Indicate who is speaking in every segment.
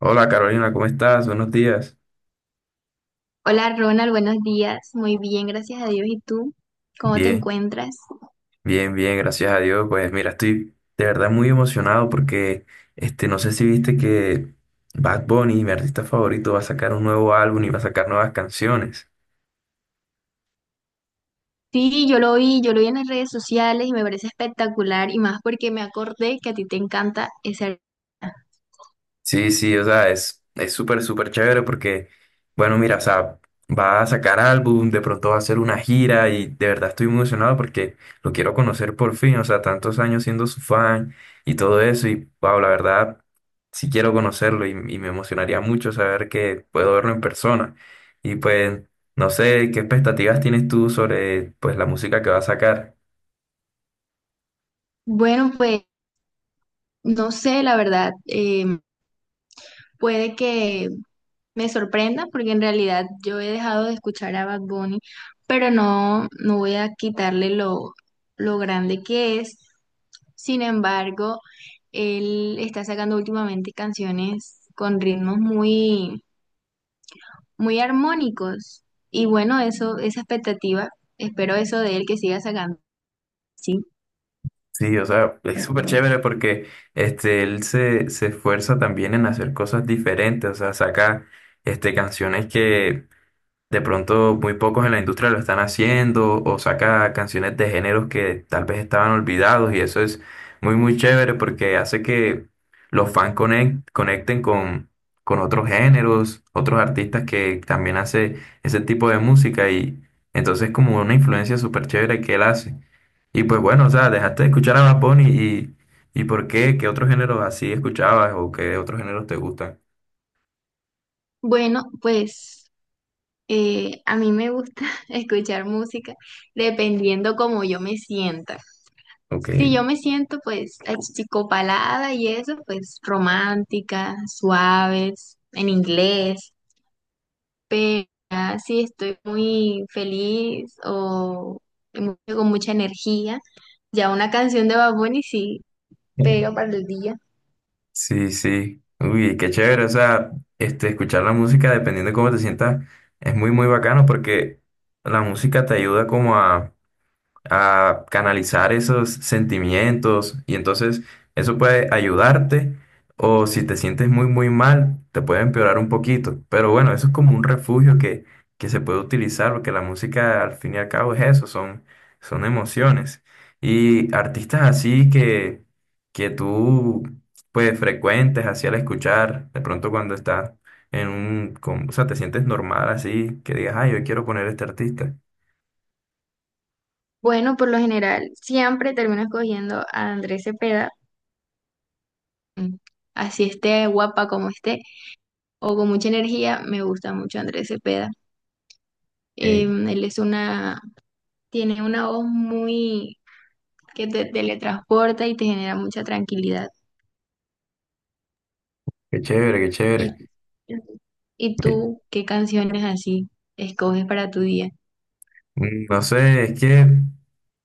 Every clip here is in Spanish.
Speaker 1: Hola Carolina, ¿cómo estás? Buenos días.
Speaker 2: Hola Ronald, buenos días. Muy bien, gracias a Dios. ¿Y tú? ¿Cómo te
Speaker 1: Bien,
Speaker 2: encuentras?
Speaker 1: bien, bien, gracias a Dios. Pues mira, estoy de verdad muy emocionado porque no sé si viste que Bad Bunny, mi artista favorito, va a sacar un nuevo álbum y va a sacar nuevas canciones.
Speaker 2: Sí, yo lo vi, en las redes sociales y me parece espectacular y más porque me acordé que a ti te encanta ese...
Speaker 1: Sí, sí, o sea, es súper, súper chévere porque, bueno, mira, o sea, va a sacar álbum, de pronto va a hacer una gira y de verdad estoy muy emocionado porque lo quiero conocer por fin, o sea, tantos años siendo su fan y todo eso y, wow, la verdad, sí quiero conocerlo y me emocionaría mucho saber que puedo verlo en persona. Y pues, no sé, ¿qué expectativas tienes tú sobre, pues, la música que va a sacar?
Speaker 2: Bueno, pues no sé, la verdad, puede que me sorprenda porque en realidad yo he dejado de escuchar a Bad Bunny, pero no, no voy a quitarle lo grande que es. Sin embargo, él está sacando últimamente canciones con ritmos muy, muy armónicos. Y bueno, esa expectativa, espero eso de él que siga sacando. Sí.
Speaker 1: Sí, o sea, es súper chévere porque él se esfuerza también en hacer cosas diferentes, o sea, saca canciones que de pronto muy pocos en la industria lo están haciendo o saca canciones de géneros que tal vez estaban olvidados y eso es muy muy chévere porque hace que los fans conecten con otros géneros, otros artistas que también hace ese tipo de música y entonces como una influencia súper chévere que él hace. Y pues bueno, o sea, dejaste de escuchar a Bad Bunny y ¿por qué? ¿Qué otros géneros así escuchabas o qué otros géneros te gustan?
Speaker 2: Bueno, pues a mí me gusta escuchar música dependiendo cómo yo me sienta.
Speaker 1: Ok.
Speaker 2: Si yo me siento pues achicopalada y eso, pues romántica, suaves, en inglés, pero ya si estoy muy feliz o con mucha energía, ya una canción de Bad Bunny sí pega para el día.
Speaker 1: Sí, sí. Uy, qué chévere. O sea, escuchar la música, dependiendo de cómo te sientas, es muy, muy bacano porque la música te ayuda como a canalizar esos sentimientos y entonces eso puede ayudarte o si te sientes muy muy mal te puede empeorar un poquito, pero bueno, eso es como un refugio que se puede utilizar porque la música al fin y al cabo es eso, son, son emociones y artistas así que tú pues frecuentes así al escuchar de pronto cuando estás o sea, te sientes normal así, que digas, ay, yo quiero poner este artista.
Speaker 2: Bueno, por lo general siempre termino escogiendo a Andrés Cepeda, mm, así esté guapa como esté o con mucha energía, me gusta mucho Andrés Cepeda.
Speaker 1: Eh,
Speaker 2: Em, él es una, tiene una voz muy que te teletransporta y te genera mucha tranquilidad.
Speaker 1: Qué chévere, qué
Speaker 2: ¿Y,
Speaker 1: chévere.
Speaker 2: ¿y tú qué canciones así escoges para tu día?
Speaker 1: No sé, es que,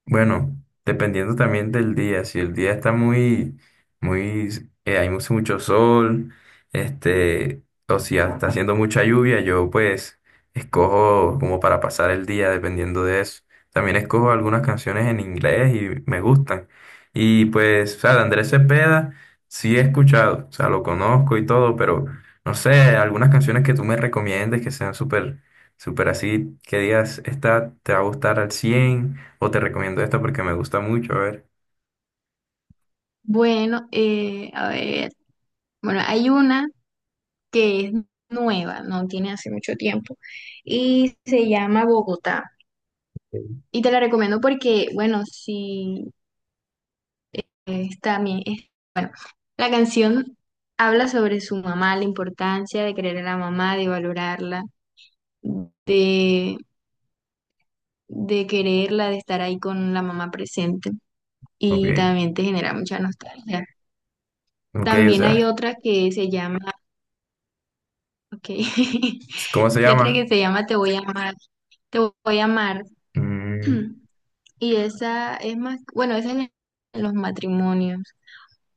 Speaker 1: bueno, dependiendo también del día, si el día está muy, muy, hay mucho, mucho sol, o si ya está haciendo mucha lluvia, yo pues escojo como para pasar el día dependiendo de eso. También escojo algunas canciones en inglés y me gustan. Y pues, o sea, de Andrés Cepeda sí he escuchado, o sea, lo conozco y todo, pero no sé, algunas canciones que tú me recomiendes que sean súper súper así, ¿qué días está te va a gustar al cien? O te recomiendo esta porque me gusta mucho, a ver.
Speaker 2: Bueno, a ver, bueno, hay una que es nueva, no tiene hace mucho tiempo, y se llama Bogotá. Y te la recomiendo porque, bueno, sí está bien. La canción habla sobre su mamá, la importancia de querer a la mamá, de valorarla, de de quererla, de estar ahí con la mamá presente
Speaker 1: Ok,
Speaker 2: y también te genera mucha nostalgia.
Speaker 1: ok, o
Speaker 2: También hay
Speaker 1: sea,
Speaker 2: otra ok,
Speaker 1: ¿cómo se
Speaker 2: hay otra
Speaker 1: llama?
Speaker 2: que se llama Te voy a amar, Te voy a amar
Speaker 1: Mm,
Speaker 2: y esa es más, bueno, en los matrimonios,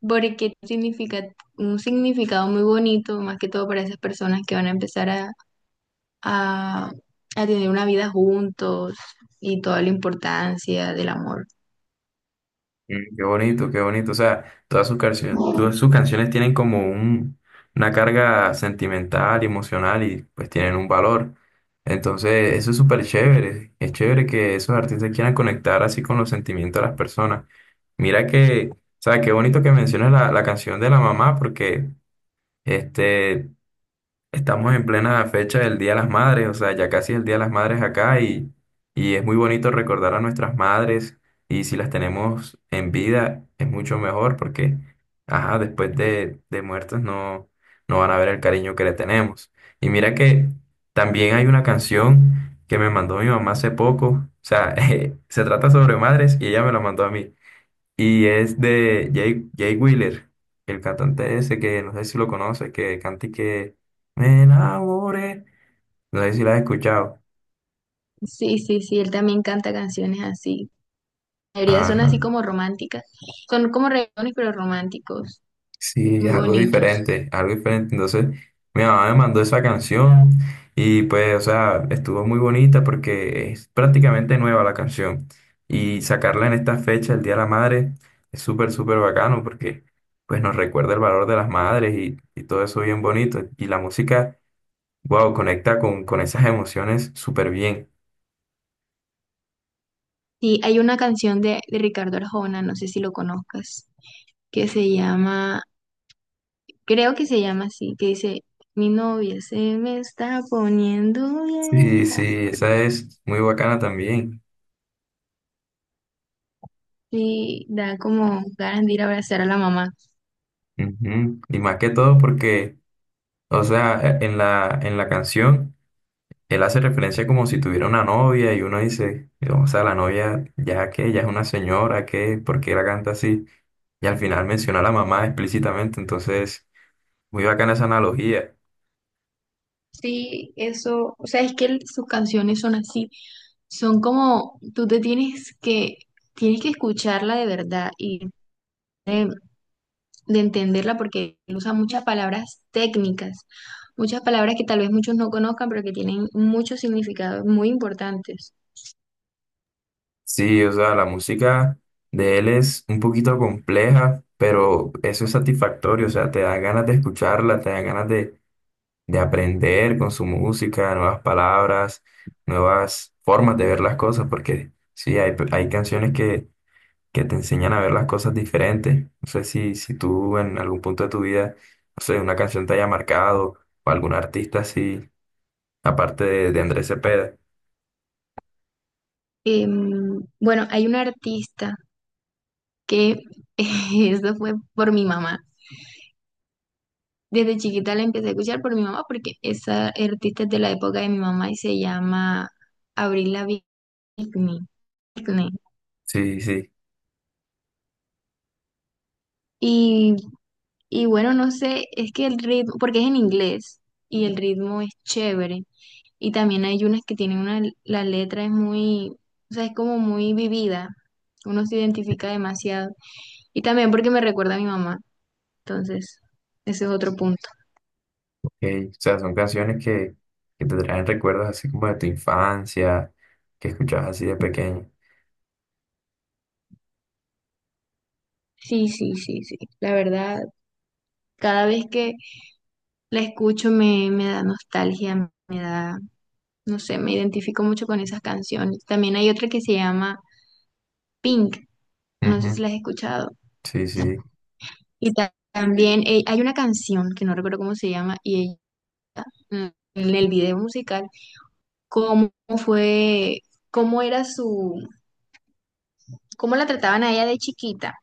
Speaker 2: porque significa un significado muy bonito, más que todo para esas personas que van a empezar a, a tener una vida juntos y toda la importancia del amor.
Speaker 1: mm, qué bonito, qué bonito. O sea, todas sus canciones tienen como un, una carga sentimental, emocional y pues tienen un valor. Entonces, eso es súper chévere. Es chévere que esos artistas quieran conectar así con los sentimientos de las personas. Mira que, o sea, qué bonito que mencionas la canción de la mamá, porque Este, estamos en plena fecha del Día de las Madres, o sea, ya casi el Día de las Madres acá y es muy bonito recordar a nuestras madres y si las tenemos en vida es mucho mejor porque, ajá, después de muertas no, no van a ver el cariño que le tenemos. Y mira que también hay una canción que me mandó mi mamá hace poco, o sea, se trata sobre madres y ella me la mandó a mí. Y es de Jay Wheeler, el cantante ese que no sé si lo conoces, que canta y que me enamoré. No sé si lo has escuchado.
Speaker 2: Sí, sí, sí, él también canta canciones así. La mayoría son así
Speaker 1: Ajá.
Speaker 2: como románticas. Son como reggaetones, pero románticos,
Speaker 1: Sí, es
Speaker 2: muy
Speaker 1: algo
Speaker 2: bonitos.
Speaker 1: diferente, algo diferente. Entonces, mi mamá me mandó esa canción y pues, o sea, estuvo muy bonita porque es prácticamente nueva la canción. Y sacarla en esta fecha, el Día de la Madre, es súper, súper bacano porque pues nos recuerda el valor de las madres y todo eso bien bonito. Y la música, wow, conecta con esas emociones súper bien.
Speaker 2: Sí, hay una canción de Ricardo Arjona, no sé si lo conozcas, que se llama, creo que se llama así, que dice, mi novia se me está poniendo
Speaker 1: Sí, sí,
Speaker 2: vieja.
Speaker 1: esa es muy bacana también.
Speaker 2: Y da como ganas de ir a abrazar a la mamá.
Speaker 1: Ujú. Y más que todo porque, o sea, en en la canción, él hace referencia como si tuviera una novia y uno dice, o sea, la novia ya que, ya es una señora, que, ¿por qué la canta así? Y al final menciona a la mamá explícitamente, entonces, muy bacana esa analogía.
Speaker 2: Sí, eso, o sea, es que sus canciones son así, son como, tú te tienes que escucharla de verdad y de, de entenderla porque él usa muchas palabras técnicas, muchas palabras que tal vez muchos no conozcan, pero que tienen muchos significados muy importantes.
Speaker 1: Sí, o sea, la música de él es un poquito compleja, pero eso es satisfactorio, o sea, te da ganas de escucharla, te da ganas de aprender con su música, nuevas palabras, nuevas formas de ver las cosas, porque sí, hay canciones que te enseñan a ver las cosas diferentes. No sé si tú en algún punto de tu vida, no sé, una canción te haya marcado o algún artista así, aparte de Andrés Cepeda.
Speaker 2: Bueno, hay una artista que, eso fue por mi mamá. Desde chiquita la empecé a escuchar por mi mamá porque esa artista es de la época de mi mamá y se llama... Abril Lavigne Pickney, Pickney.
Speaker 1: Sí, sí.
Speaker 2: Y, y bueno, no sé, es que el ritmo, porque es en inglés y el ritmo es chévere. Y también hay unas que la letra es muy, o sea, es como muy vivida. Uno se identifica demasiado. Y también porque me recuerda a mi mamá. Entonces, ese es otro punto.
Speaker 1: Que, o sea, son canciones que te traen recuerdos así como de tu infancia, que escuchabas así de pequeño.
Speaker 2: Sí, sí, sí, sí. La verdad, cada vez que la escucho me da nostalgia, me da, no sé, me identifico mucho con esas canciones. También hay otra que se llama Pink. No sé si
Speaker 1: Ujú,
Speaker 2: la has escuchado.
Speaker 1: sí, sí.
Speaker 2: Y también hay una canción que no recuerdo cómo se llama mm, en el video musical, cómo fue, cómo era su, cómo la trataban a ella de chiquita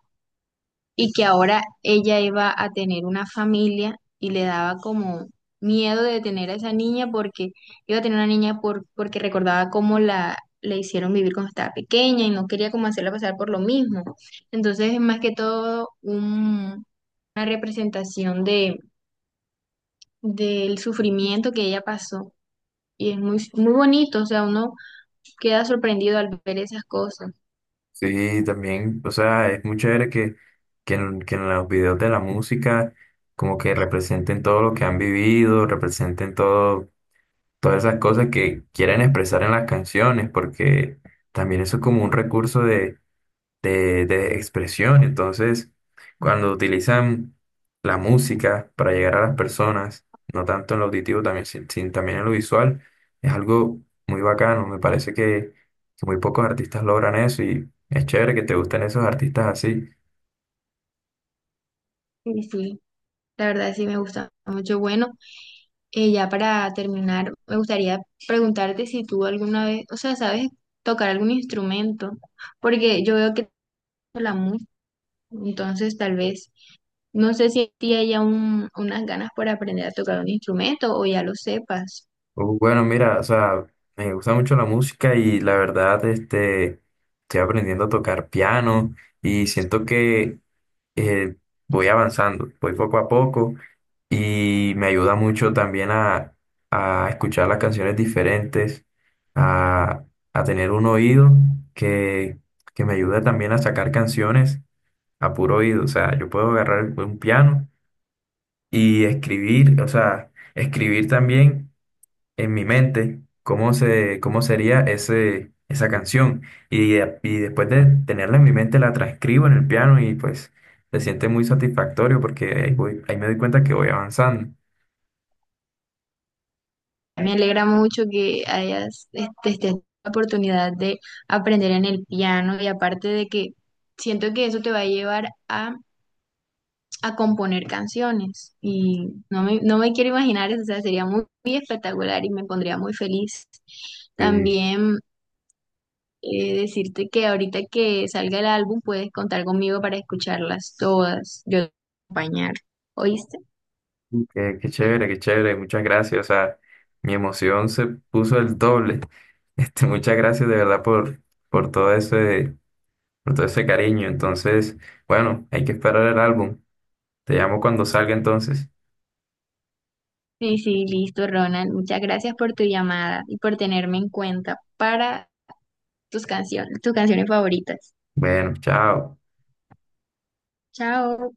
Speaker 2: y que ahora ella iba a tener una familia y le daba como miedo de tener a esa niña porque iba a tener una niña porque recordaba cómo la le hicieron vivir cuando estaba pequeña y no quería como hacerla pasar por lo mismo. Entonces es más que todo una representación del sufrimiento que ella pasó. Y es muy, muy bonito, o sea, uno queda sorprendido al ver esas cosas.
Speaker 1: Sí, también, o sea, es muy chévere que en los videos de la música como que representen todo lo que han vivido, representen todo, todas esas cosas que quieren expresar en las canciones, porque también eso es como un recurso de expresión. Entonces, cuando utilizan la música para llegar a las personas, no tanto en lo auditivo, también, también en lo visual, es algo muy bacano. Me parece que muy pocos artistas logran eso y es chévere que te gusten esos artistas así.
Speaker 2: Y sí, la verdad sí me gusta mucho. Bueno, ya para terminar, me gustaría preguntarte si tú alguna vez, o sea, sabes tocar algún instrumento, porque yo veo que la música, entonces tal vez, no sé si a ti hay un unas ganas por aprender a tocar un instrumento o ya lo sepas.
Speaker 1: Bueno, mira, o sea, me gusta mucho la música y la verdad, estoy aprendiendo a tocar piano y siento que eh, voy avanzando, voy poco a poco y me ayuda mucho también a escuchar las canciones diferentes, a, a tener un oído que, que me ayuda también a sacar canciones a puro oído. O sea, yo puedo agarrar un piano y escribir, o sea, escribir también en mi mente cómo sería esa canción. Y, y después de tenerla en mi mente, la transcribo en el piano y pues se siente muy satisfactorio porque ahí voy, ahí me doy cuenta que voy avanzando.
Speaker 2: Me alegra mucho que hayas estés teniendo la oportunidad de aprender en el piano y aparte de que siento que eso te va a llevar a componer canciones y no me quiero imaginar eso, o sea, sería muy, muy espectacular y me pondría muy feliz.
Speaker 1: Sí.
Speaker 2: También decirte que ahorita que salga el álbum puedes contar conmigo para escucharlas todas, yo te voy a acompañar, ¿oíste?
Speaker 1: Qué, qué chévere, muchas gracias. O sea, mi emoción se puso el doble. Muchas gracias de verdad por todo ese, por todo ese cariño. Entonces, bueno, hay que esperar el álbum. Te llamo cuando salga entonces.
Speaker 2: Sí, sí, listo, Ronald. Muchas gracias por tu llamada y por tenerme en cuenta para tus canciones favoritas.
Speaker 1: Bueno, chao.
Speaker 2: Chao.